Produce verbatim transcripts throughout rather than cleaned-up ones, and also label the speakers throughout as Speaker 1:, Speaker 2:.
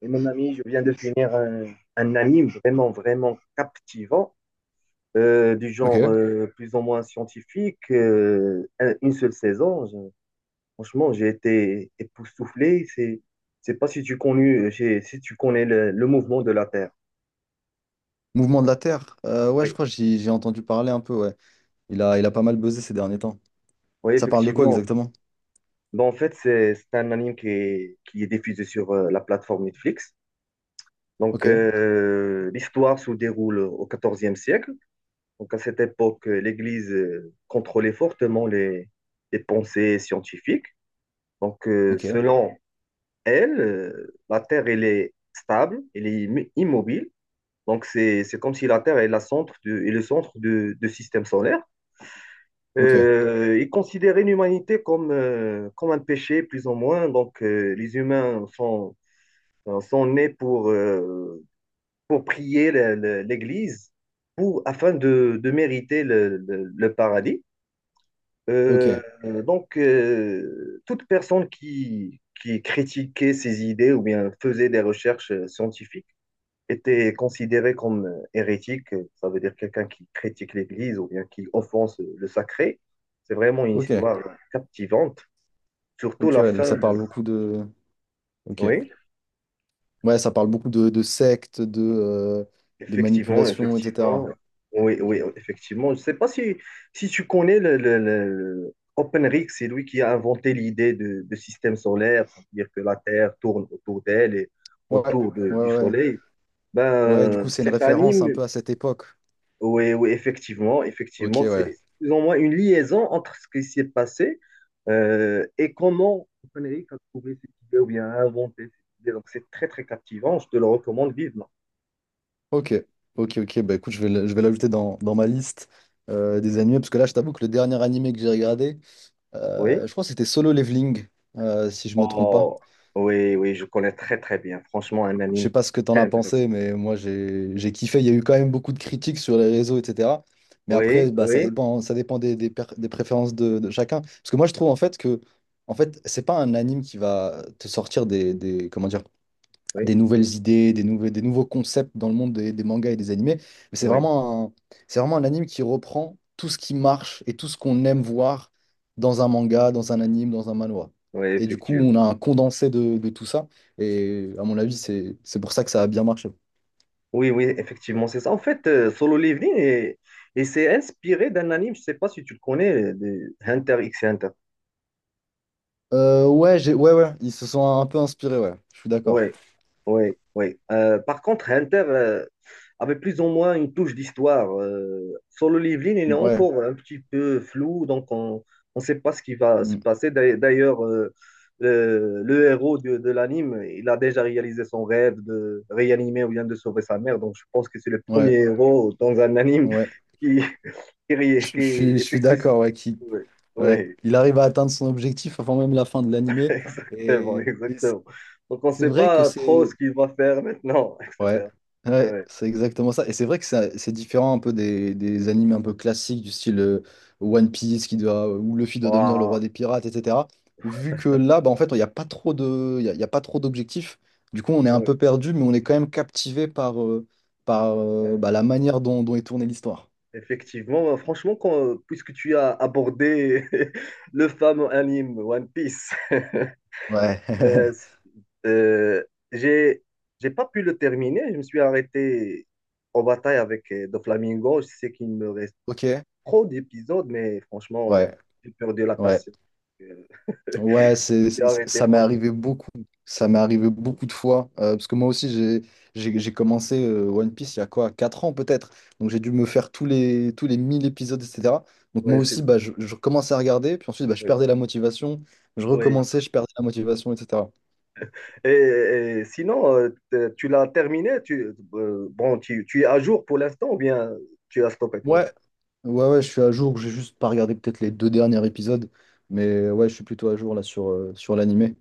Speaker 1: Et mon ami, je viens de finir un, un anime vraiment, vraiment captivant, euh, du genre
Speaker 2: Ok.
Speaker 1: euh, plus ou moins scientifique, euh, un- une seule saison. Je- franchement, j'ai été époustouflé. C'est, c'est pas si tu connais, j'ai- si tu connais le, le mouvement de la Terre.
Speaker 2: Mouvement de la Terre. Euh, ouais, je
Speaker 1: Oui,
Speaker 2: crois que j'y- j'ai entendu parler un peu, ouais. Il a, il a pas mal buzzé ces derniers temps.
Speaker 1: oui,
Speaker 2: Ça parle de quoi
Speaker 1: effectivement.
Speaker 2: exactement?
Speaker 1: Bon, en fait, c'est, c'est un anime qui est, qui est diffusé sur euh, la plateforme Netflix.
Speaker 2: Ok,
Speaker 1: Donc, euh, l'histoire se déroule au quatorzième siècle. Donc à cette époque, euh, l'Église euh, contrôlait fortement les, les pensées scientifiques. Donc euh,
Speaker 2: ok,
Speaker 1: selon elle, euh, la Terre, elle est stable, elle est im- immobile. Donc c'est, c'est comme si la Terre est, la centre de- est le centre du système solaire.
Speaker 2: ok,
Speaker 1: Euh, ils considéraient l'humanité comme, euh, comme un péché, plus ou moins. Donc euh, les humains sont, euh, sont nés pour, euh, pour prier le- le- l'Église pour, afin de, de mériter le le- le paradis.
Speaker 2: ok,
Speaker 1: Euh, donc, euh, toute personne qui, qui critiquait ces idées ou bien faisait des recherches euh, scientifiques était considérée comme euh, hérétique. Euh, Ça veut dire quelqu'un qui critique l'Église ou bien qui offense euh, le sacré. C'est vraiment une
Speaker 2: ok,
Speaker 1: histoire captivante, surtout
Speaker 2: ok,
Speaker 1: la
Speaker 2: ouais, donc
Speaker 1: fin.
Speaker 2: ça
Speaker 1: de-
Speaker 2: parle beaucoup de. Ok.
Speaker 1: Oui.
Speaker 2: Ouais, ça parle beaucoup de, de sectes, de, euh, de
Speaker 1: Effectivement,
Speaker 2: manipulation,
Speaker 1: effectivement.
Speaker 2: et cetera.
Speaker 1: Oui,
Speaker 2: Ok.
Speaker 1: oui, effectivement. Je ne sais pas si, si, tu connais le, le- le- OpenRig, c'est lui qui a inventé l'idée de, de système solaire, c'est-à-dire que la Terre tourne autour d'elle et
Speaker 2: Ouais,
Speaker 1: autour de-
Speaker 2: ouais,
Speaker 1: du
Speaker 2: ouais.
Speaker 1: Soleil.
Speaker 2: Ouais, du coup,
Speaker 1: Ben,
Speaker 2: c'est une
Speaker 1: cet
Speaker 2: référence un
Speaker 1: anime,
Speaker 2: peu à cette époque.
Speaker 1: oui, oui, effectivement,
Speaker 2: Ok,
Speaker 1: effectivement, c'est
Speaker 2: ouais.
Speaker 1: plus ou moins une liaison entre ce qui s'est passé euh, et comment OpenRig a trouvé cette idée ou bien a inventé cette idée. Donc, c'est très, très captivant. Je te le recommande vivement.
Speaker 2: Ok, ok, ok. Bah écoute, je vais, le- je vais l'ajouter dans, dans ma liste euh, des animés, parce que là, je t'avoue que le dernier animé que j'ai regardé.
Speaker 1: Oui.
Speaker 2: Euh, je crois que c'était Solo Leveling, euh, si je me trompe pas.
Speaker 1: Oh, oui, oui, je connais très, très bien. Franchement, un
Speaker 2: Je
Speaker 1: anime
Speaker 2: sais pas ce que t'en
Speaker 1: très
Speaker 2: as
Speaker 1: intéressant.
Speaker 2: pensé, mais moi j'ai j'ai kiffé. Il y a eu quand même beaucoup de critiques sur les réseaux, et cetera. Mais après,
Speaker 1: Oui,
Speaker 2: bah, ça
Speaker 1: oui,
Speaker 2: dépend, ça dépend des, des per- des préférences de, de chacun. Parce que moi je trouve en fait que en fait, c'est pas un anime qui va te sortir des, des- comment dire des
Speaker 1: oui,
Speaker 2: nouvelles idées, des, nouveaux des nouveaux concepts dans le monde des, des mangas et des animés. Mais c'est
Speaker 1: oui,
Speaker 2: vraiment un, c'est vraiment un anime qui reprend tout ce qui marche et tout ce qu'on aime voir dans un manga, dans un anime, dans un manhwa.
Speaker 1: oui,
Speaker 2: Et du coup, on
Speaker 1: effectivement.
Speaker 2: a un condensé de, de tout ça. Et à mon avis, c'est, c'est pour ça que ça a bien marché.
Speaker 1: Oui, oui, effectivement, c'est ça. En fait, euh, Solo Leveling, est- il s'est inspiré d'un anime, je ne sais pas si tu le connais, de Hunter x Hunter.
Speaker 2: Euh, ouais, j'ai, ouais, ouais, ils se sont un peu inspirés, ouais. Je suis
Speaker 1: Oui,
Speaker 2: d'accord.
Speaker 1: oui, oui. Euh, par contre, Hunter euh, avait plus ou moins une touche d'histoire. Euh, sur le Livline, il est
Speaker 2: Ouais,
Speaker 1: encore un petit peu flou, donc on ne sait pas ce qui va se
Speaker 2: mm,
Speaker 1: passer. D'ailleurs, d'ailleurs, euh, le, le héros de, de l'anime, il a déjà réalisé son rêve de réanimer ou bien de sauver sa mère, donc je pense que c'est le premier
Speaker 2: ouais,
Speaker 1: héros dans un anime
Speaker 2: ouais.
Speaker 1: qui, qui, ré-
Speaker 2: Je,
Speaker 1: qui
Speaker 2: je suis, je suis
Speaker 1: effectue...
Speaker 2: d'accord, ouais, qui,
Speaker 1: Oui,
Speaker 2: ouais.
Speaker 1: oui,
Speaker 2: Il arrive à atteindre son objectif avant même la fin de l'animé.
Speaker 1: exactement,
Speaker 2: Et, et
Speaker 1: exactement. Donc on ne
Speaker 2: c'est
Speaker 1: sait
Speaker 2: vrai que
Speaker 1: pas trop
Speaker 2: c'est.
Speaker 1: ce qu'il va faire maintenant,
Speaker 2: Ouais,
Speaker 1: et cetera.
Speaker 2: ouais,
Speaker 1: Oui.
Speaker 2: c'est exactement ça. Et c'est vrai que ça- c'est différent un peu des, des animes un peu classiques du style euh, One Piece qui doit, où Luffy doit devenir le roi
Speaker 1: Ouah,
Speaker 2: des pirates, et cetera. Vu que là, bah, en fait, il n'y a pas trop de, il y a, il y a pas trop d'objectifs. Du coup, on est un
Speaker 1: ouais,
Speaker 2: peu perdu, mais on est quand même captivé par, euh, par euh,
Speaker 1: ouais.
Speaker 2: bah, la manière dont, dont est tournée l'histoire.
Speaker 1: Effectivement, euh, franchement, quand, euh, puisque tu as abordé le fameux anime One Piece,
Speaker 2: Ouais.
Speaker 1: euh, euh, j'ai, j'ai pas pu le terminer. Je me suis arrêté en bataille avec euh, Doflamingo. Je sais qu'il me reste
Speaker 2: Ok.
Speaker 1: trop d'épisodes, mais franchement, euh,
Speaker 2: Ouais.
Speaker 1: j'ai perdu la
Speaker 2: Ouais.
Speaker 1: passion. Euh,
Speaker 2: Ouais, c'est,
Speaker 1: J'ai
Speaker 2: c'est-
Speaker 1: arrêté,
Speaker 2: ça m'est
Speaker 1: franchement.
Speaker 2: arrivé beaucoup. Ça m'est arrivé beaucoup de fois. euh, parce que moi aussi, j'ai, j'ai, j'ai commencé euh, One Piece il y a quoi, quatre ans peut-être. Donc j'ai dû me faire tous les, tous les mille épisodes, et cetera. Donc moi
Speaker 1: Ouais, c'est,
Speaker 2: aussi, bah, je, je commençais à regarder. Puis ensuite, bah, je
Speaker 1: ouais,
Speaker 2: perdais la motivation. Je
Speaker 1: ouais.
Speaker 2: recommençais, je perdais la motivation, et cetera.
Speaker 1: Et, et sinon, euh, t- tu l'as terminé? Tu, euh, bon, tu, tu es à jour pour l'instant ou bien tu as stoppé toi?
Speaker 2: Ouais, ouais, ouais, je suis à jour. J'ai juste pas regardé peut-être les deux derniers épisodes. Mais ouais, je suis plutôt à jour là sur, euh, sur l'animé.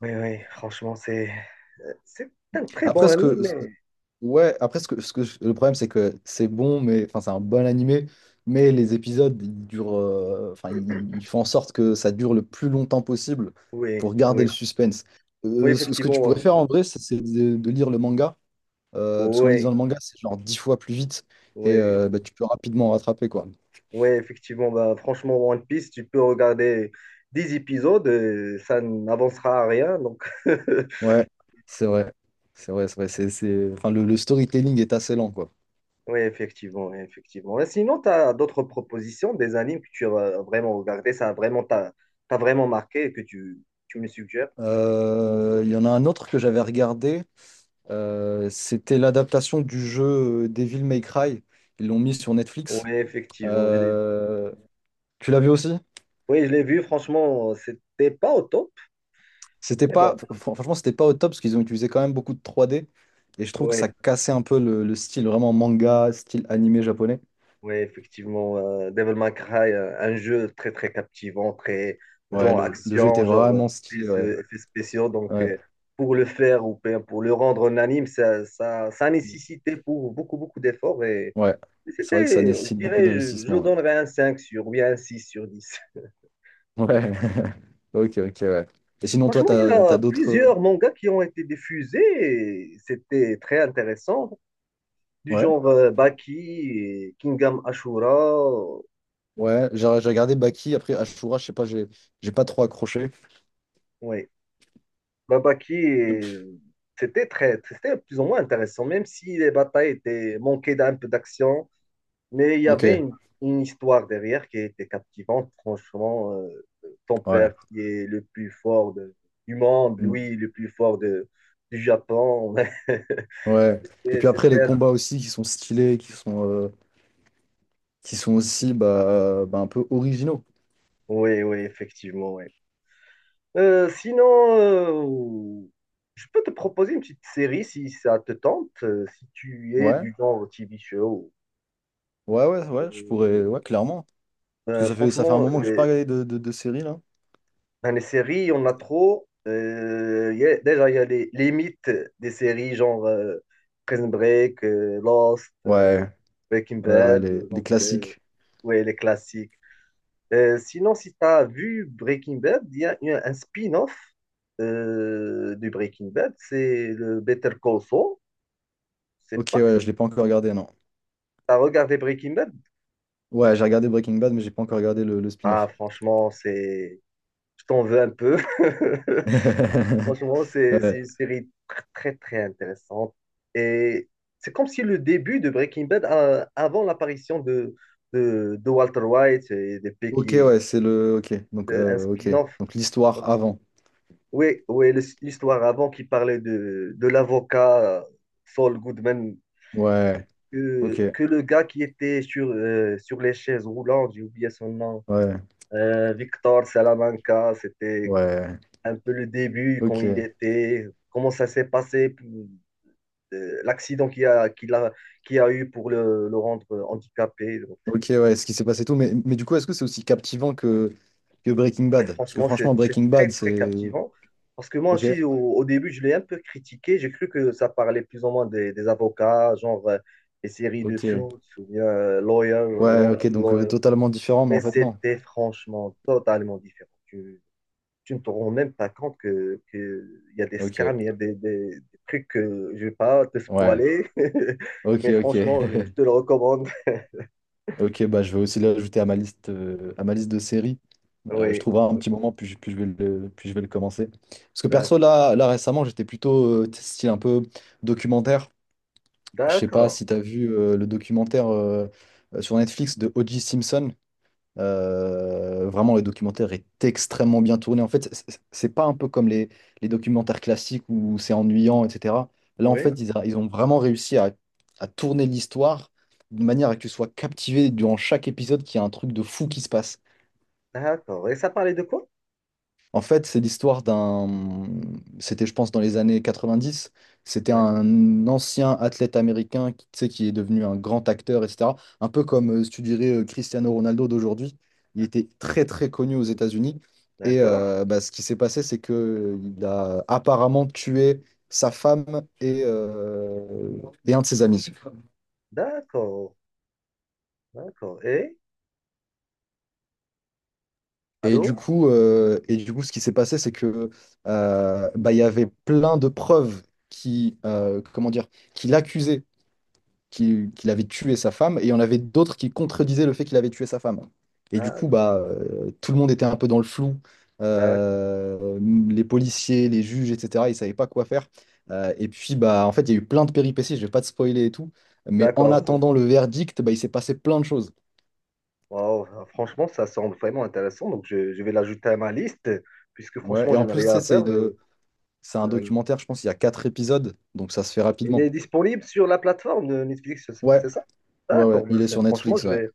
Speaker 1: Oui, oui, franchement, c'est euh, c'est un très bon
Speaker 2: Après, ce
Speaker 1: ami,
Speaker 2: que,
Speaker 1: mais
Speaker 2: Ouais, après, ce que, ce que je- le problème, c'est que c'est bon, mais enfin, c'est un bon animé, mais les épisodes, ils durent, euh, enfin, ils, ils font en sorte que ça dure le plus longtemps possible
Speaker 1: oui,
Speaker 2: pour garder
Speaker 1: oui,
Speaker 2: le suspense.
Speaker 1: oui,
Speaker 2: Euh, ce, ce que tu
Speaker 1: effectivement,
Speaker 2: pourrais
Speaker 1: euh,
Speaker 2: faire en vrai, c'est c'est de, de lire le manga, euh, parce qu'en
Speaker 1: oui,
Speaker 2: lisant le manga, c'est genre dix fois plus vite et
Speaker 1: oui,
Speaker 2: euh, bah, tu peux rapidement rattraper, quoi.
Speaker 1: oui, effectivement, bah, franchement, One Piece, tu peux regarder dix épisodes, euh, ça n'avancera à rien, donc
Speaker 2: Ouais, c'est vrai, c'est vrai, c'est vrai. C'est, c'est- Enfin, le, le storytelling est assez lent, quoi.
Speaker 1: oui, effectivement, oui, effectivement. Et sinon, tu as d'autres propositions, des animes que tu as vraiment regardé, ça a vraiment t'a t'a vraiment marqué et que tu, tu me suggères?
Speaker 2: Euh, Il y en a un autre que j'avais regardé. Euh, c'était l'adaptation du jeu euh, Devil May Cry. Ils l'ont mis sur Netflix.
Speaker 1: Oui, effectivement, je l'ai-
Speaker 2: Euh, tu l'as vu aussi?
Speaker 1: oui, je l'ai vu, franchement, c'était pas au top,
Speaker 2: C'était
Speaker 1: mais
Speaker 2: pas,
Speaker 1: bon,
Speaker 2: fr- franchement, c'était pas au top parce qu'ils ont utilisé quand même beaucoup de trois D. Et je trouve que
Speaker 1: oui.
Speaker 2: ça cassait un peu le, le style vraiment manga, style animé japonais.
Speaker 1: Oui, effectivement, euh, Devil May Cry, euh, un jeu très très captivant, très
Speaker 2: Ouais,
Speaker 1: genre
Speaker 2: le, le jeu était
Speaker 1: action, genre euh,
Speaker 2: vraiment stylé. Ouais,
Speaker 1: effets effets spéciaux. Donc,
Speaker 2: ouais,
Speaker 1: euh, pour le faire ou pe- pour le rendre en anime, ça, ça, ça a nécessité pour beaucoup beaucoup d'efforts. Et,
Speaker 2: ouais.
Speaker 1: et
Speaker 2: C'est vrai que ça
Speaker 1: c'était, je
Speaker 2: nécessite beaucoup
Speaker 1: dirais, je, je
Speaker 2: d'investissement.
Speaker 1: donnerais un cinq sur, ou bien un six sur dix.
Speaker 2: Ouais. Ouais. Ok, ok, ouais. Et sinon, toi,
Speaker 1: Franchement, il y
Speaker 2: t'as, t'as
Speaker 1: a
Speaker 2: d'autres.
Speaker 1: plusieurs mangas qui ont été diffusés et c'était très intéressant, du
Speaker 2: Ouais,
Speaker 1: genre euh, Baki, et Kingdom Ashura.
Speaker 2: ouais. J'ai j'ai regardé Baki. Après, Ashura, je sais pas, j'ai j'ai pas trop accroché.
Speaker 1: Oui. Babaki, euh, c'était très, c'était plus ou moins intéressant, même si les batailles étaient manquées d'un peu d'action, mais il y
Speaker 2: Ok,
Speaker 1: avait une, une histoire derrière qui était captivante. Franchement, euh, ton
Speaker 2: ouais.
Speaker 1: père qui est le plus fort de- du monde,
Speaker 2: Mm.
Speaker 1: lui le plus fort de, du Japon.
Speaker 2: Ouais. Et
Speaker 1: Et
Speaker 2: puis après, les
Speaker 1: c'était.
Speaker 2: combats aussi qui sont stylés, qui sont, euh, qui sont aussi bah, euh, bah, un peu originaux.
Speaker 1: Oui, oui, effectivement, oui. Euh, sinon, euh, je peux te proposer une petite série si ça te tente, euh, si tu es
Speaker 2: Ouais,
Speaker 1: du genre T V show.
Speaker 2: ouais, ouais, ouais, je
Speaker 1: Euh,
Speaker 2: pourrais, ouais, clairement. Parce que
Speaker 1: Euh,
Speaker 2: ça fait, ça fait un
Speaker 1: franchement,
Speaker 2: moment que j'ai
Speaker 1: les,
Speaker 2: pas regardé de, de, de série, là.
Speaker 1: enfin, les séries, on a trop. Euh, y a- déjà, il y a les, les mythes des séries, genre euh, Prison Break, euh, Lost, euh,
Speaker 2: Ouais,
Speaker 1: Breaking
Speaker 2: ouais, ouais,
Speaker 1: Bad, euh,
Speaker 2: les, les
Speaker 1: donc, euh,
Speaker 2: classiques.
Speaker 1: ouais, les classiques. Euh, sinon, si tu as vu Breaking Bad, il y a, il y a un spin-off euh, du Breaking Bad, c'est le Better Call Saul. C'est
Speaker 2: Ok,
Speaker 1: pas que
Speaker 2: ouais,
Speaker 1: tu
Speaker 2: je l'ai pas encore regardé, non.
Speaker 1: as regardé Breaking Bad?
Speaker 2: Ouais, j'ai regardé Breaking Bad, mais j'ai pas encore regardé le, le
Speaker 1: Ah,
Speaker 2: spin-off.
Speaker 1: franchement, c'est... Je t'en veux un peu. Franchement, c'est c'est
Speaker 2: Ouais.
Speaker 1: une série tr- très, très intéressante. Et c'est comme si le début de Breaking Bad, euh, avant l'apparition de, de, de Walter White et de
Speaker 2: Ok,
Speaker 1: Becky,
Speaker 2: ouais, c'est le. Ok, donc,
Speaker 1: de- un
Speaker 2: euh, ok.
Speaker 1: spin-off.
Speaker 2: Donc l'histoire
Speaker 1: Donc,
Speaker 2: avant.
Speaker 1: oui, oui, le- l'histoire avant qui parlait de, de l'avocat euh, Saul Goodman,
Speaker 2: Ouais, ok,
Speaker 1: que, que le gars qui était sur, euh, sur les chaises roulantes, j'ai oublié son nom,
Speaker 2: ouais,
Speaker 1: euh, Victor Salamanca, c'était
Speaker 2: ouais,
Speaker 1: un peu le début, quand il
Speaker 2: ok.
Speaker 1: était, comment ça s'est passé. euh, l'accident qu'il a, qu'il a, qu'il a eu pour le, le rendre handicapé. Donc,
Speaker 2: Ok, ouais, ce qui s'est passé tout. Mais, mais du coup, est-ce que c'est aussi captivant que, que Breaking
Speaker 1: ouais,
Speaker 2: Bad? Parce que
Speaker 1: franchement, c'est
Speaker 2: franchement,
Speaker 1: c'est
Speaker 2: Breaking Bad,
Speaker 1: très, très
Speaker 2: c'est.
Speaker 1: captivant. Parce que moi
Speaker 2: Ok.
Speaker 1: aussi, au, au début, je l'ai un peu critiqué. J'ai cru que ça parlait plus ou moins des, des avocats, genre euh, les séries de Suits
Speaker 2: Ok.
Speaker 1: ou bien euh, Lawyer,
Speaker 2: Ouais,
Speaker 1: Law
Speaker 2: ok,
Speaker 1: and
Speaker 2: donc euh,
Speaker 1: Lawyer.
Speaker 2: totalement différent, mais
Speaker 1: Mais
Speaker 2: en fait, non.
Speaker 1: c'était franchement totalement différent. Tu, tu ne te rends même pas compte que, que il y a des
Speaker 2: Ok.
Speaker 1: scams, il y a des, des- des trucs que je vais pas te
Speaker 2: Ouais.
Speaker 1: spoiler.
Speaker 2: Ok,
Speaker 1: Mais
Speaker 2: ok.
Speaker 1: franchement, je, je te le recommande.
Speaker 2: Ok, bah je vais aussi l'ajouter à ma liste, euh, à ma liste de séries. Euh, je
Speaker 1: Oui,
Speaker 2: trouverai un petit moment, puis, je- puis, je vais le, puis je vais le commencer. Parce que perso, là, là récemment, j'étais plutôt euh, tu sais, style un peu documentaire. Je sais pas
Speaker 1: d'accord.
Speaker 2: si tu as vu euh, le documentaire euh, sur Netflix de O J. Simpson. Euh, vraiment, le documentaire est extrêmement bien tourné. En fait, c'est c'est- pas un peu comme les, les documentaires classiques où c'est ennuyant, et cetera. Là, en
Speaker 1: Oui,
Speaker 2: fait, ils, a- ils ont vraiment réussi à, à tourner l'histoire d'une manière à que tu sois captivé durant chaque épisode qu'il y a un truc de fou qui se passe.
Speaker 1: d'accord. Et ça parlait de quoi?
Speaker 2: En fait, c'est l'histoire d'un. C'était, je pense, dans les années quatre-vingt-dix. C'était
Speaker 1: D'accord.
Speaker 2: un ancien athlète américain qui, tu sais, qui est devenu un grand acteur, et cetera. Un peu comme, euh, si tu dirais, euh, Cristiano Ronaldo d'aujourd'hui. Il était très, très connu aux États-Unis. Et
Speaker 1: D'accord.
Speaker 2: euh, bah, ce qui s'est passé, c'est que il a apparemment tué sa femme et, euh, et un de ses amis.
Speaker 1: D'accord. D'accord. Et?
Speaker 2: Et du
Speaker 1: Allô?
Speaker 2: coup, euh, et du coup, ce qui s'est passé, c'est que euh, bah, il y avait plein de preuves qui, euh, comment dire, qui l'accusaient qu'il qu'il avait tué sa femme, et il y en avait d'autres qui contredisaient le fait qu'il avait tué sa femme. Et du coup,
Speaker 1: D'ac-
Speaker 2: bah, euh, tout le monde était un peu dans le flou.
Speaker 1: d'ac-
Speaker 2: Euh, les policiers, les juges, et cetera, ils ne savaient pas quoi faire. Euh, et puis, bah, en fait, il y a eu plein de péripéties, je ne vais pas te spoiler et tout, mais en
Speaker 1: D'accord.
Speaker 2: attendant le verdict, bah, il s'est passé plein de choses.
Speaker 1: Wow. Franchement, ça semble vraiment intéressant. Donc, je, je vais l'ajouter à ma liste, puisque
Speaker 2: Ouais,
Speaker 1: franchement,
Speaker 2: et
Speaker 1: je
Speaker 2: en
Speaker 1: n'ai
Speaker 2: plus, tu
Speaker 1: rien
Speaker 2: sais,
Speaker 1: à
Speaker 2: c'est
Speaker 1: faire.
Speaker 2: une,
Speaker 1: Euh,
Speaker 2: C'est un
Speaker 1: euh,
Speaker 2: documentaire, je pense, il y a quatre épisodes, donc ça se fait
Speaker 1: elle
Speaker 2: rapidement.
Speaker 1: est disponible sur la plateforme de Netflix, c'est
Speaker 2: Ouais,
Speaker 1: c'est ça?
Speaker 2: ouais,
Speaker 1: D'accord.
Speaker 2: ouais,
Speaker 1: Bah,
Speaker 2: il est
Speaker 1: c'est-
Speaker 2: sur
Speaker 1: franchement,
Speaker 2: Netflix,
Speaker 1: je
Speaker 2: ouais.
Speaker 1: vais,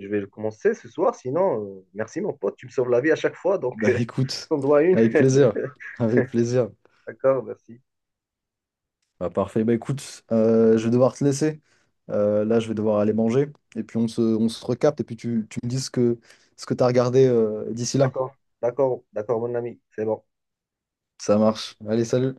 Speaker 1: je vais le commencer ce soir. Sinon, euh, merci mon pote, tu me sauves la vie à chaque fois. Donc,
Speaker 2: Bah écoute,
Speaker 1: on doit une.
Speaker 2: avec plaisir, avec plaisir.
Speaker 1: D'accord, merci.
Speaker 2: Bah parfait, bah écoute, euh, je vais devoir te laisser. Euh, là, je vais devoir aller manger, et puis on se, on se recapte, et puis tu, tu me dis ce que, ce que, t'as regardé euh, d'ici là.
Speaker 1: D'accord. D'accord. D'accord, mon ami. C'est bon.
Speaker 2: Ça marche. Allez, salut.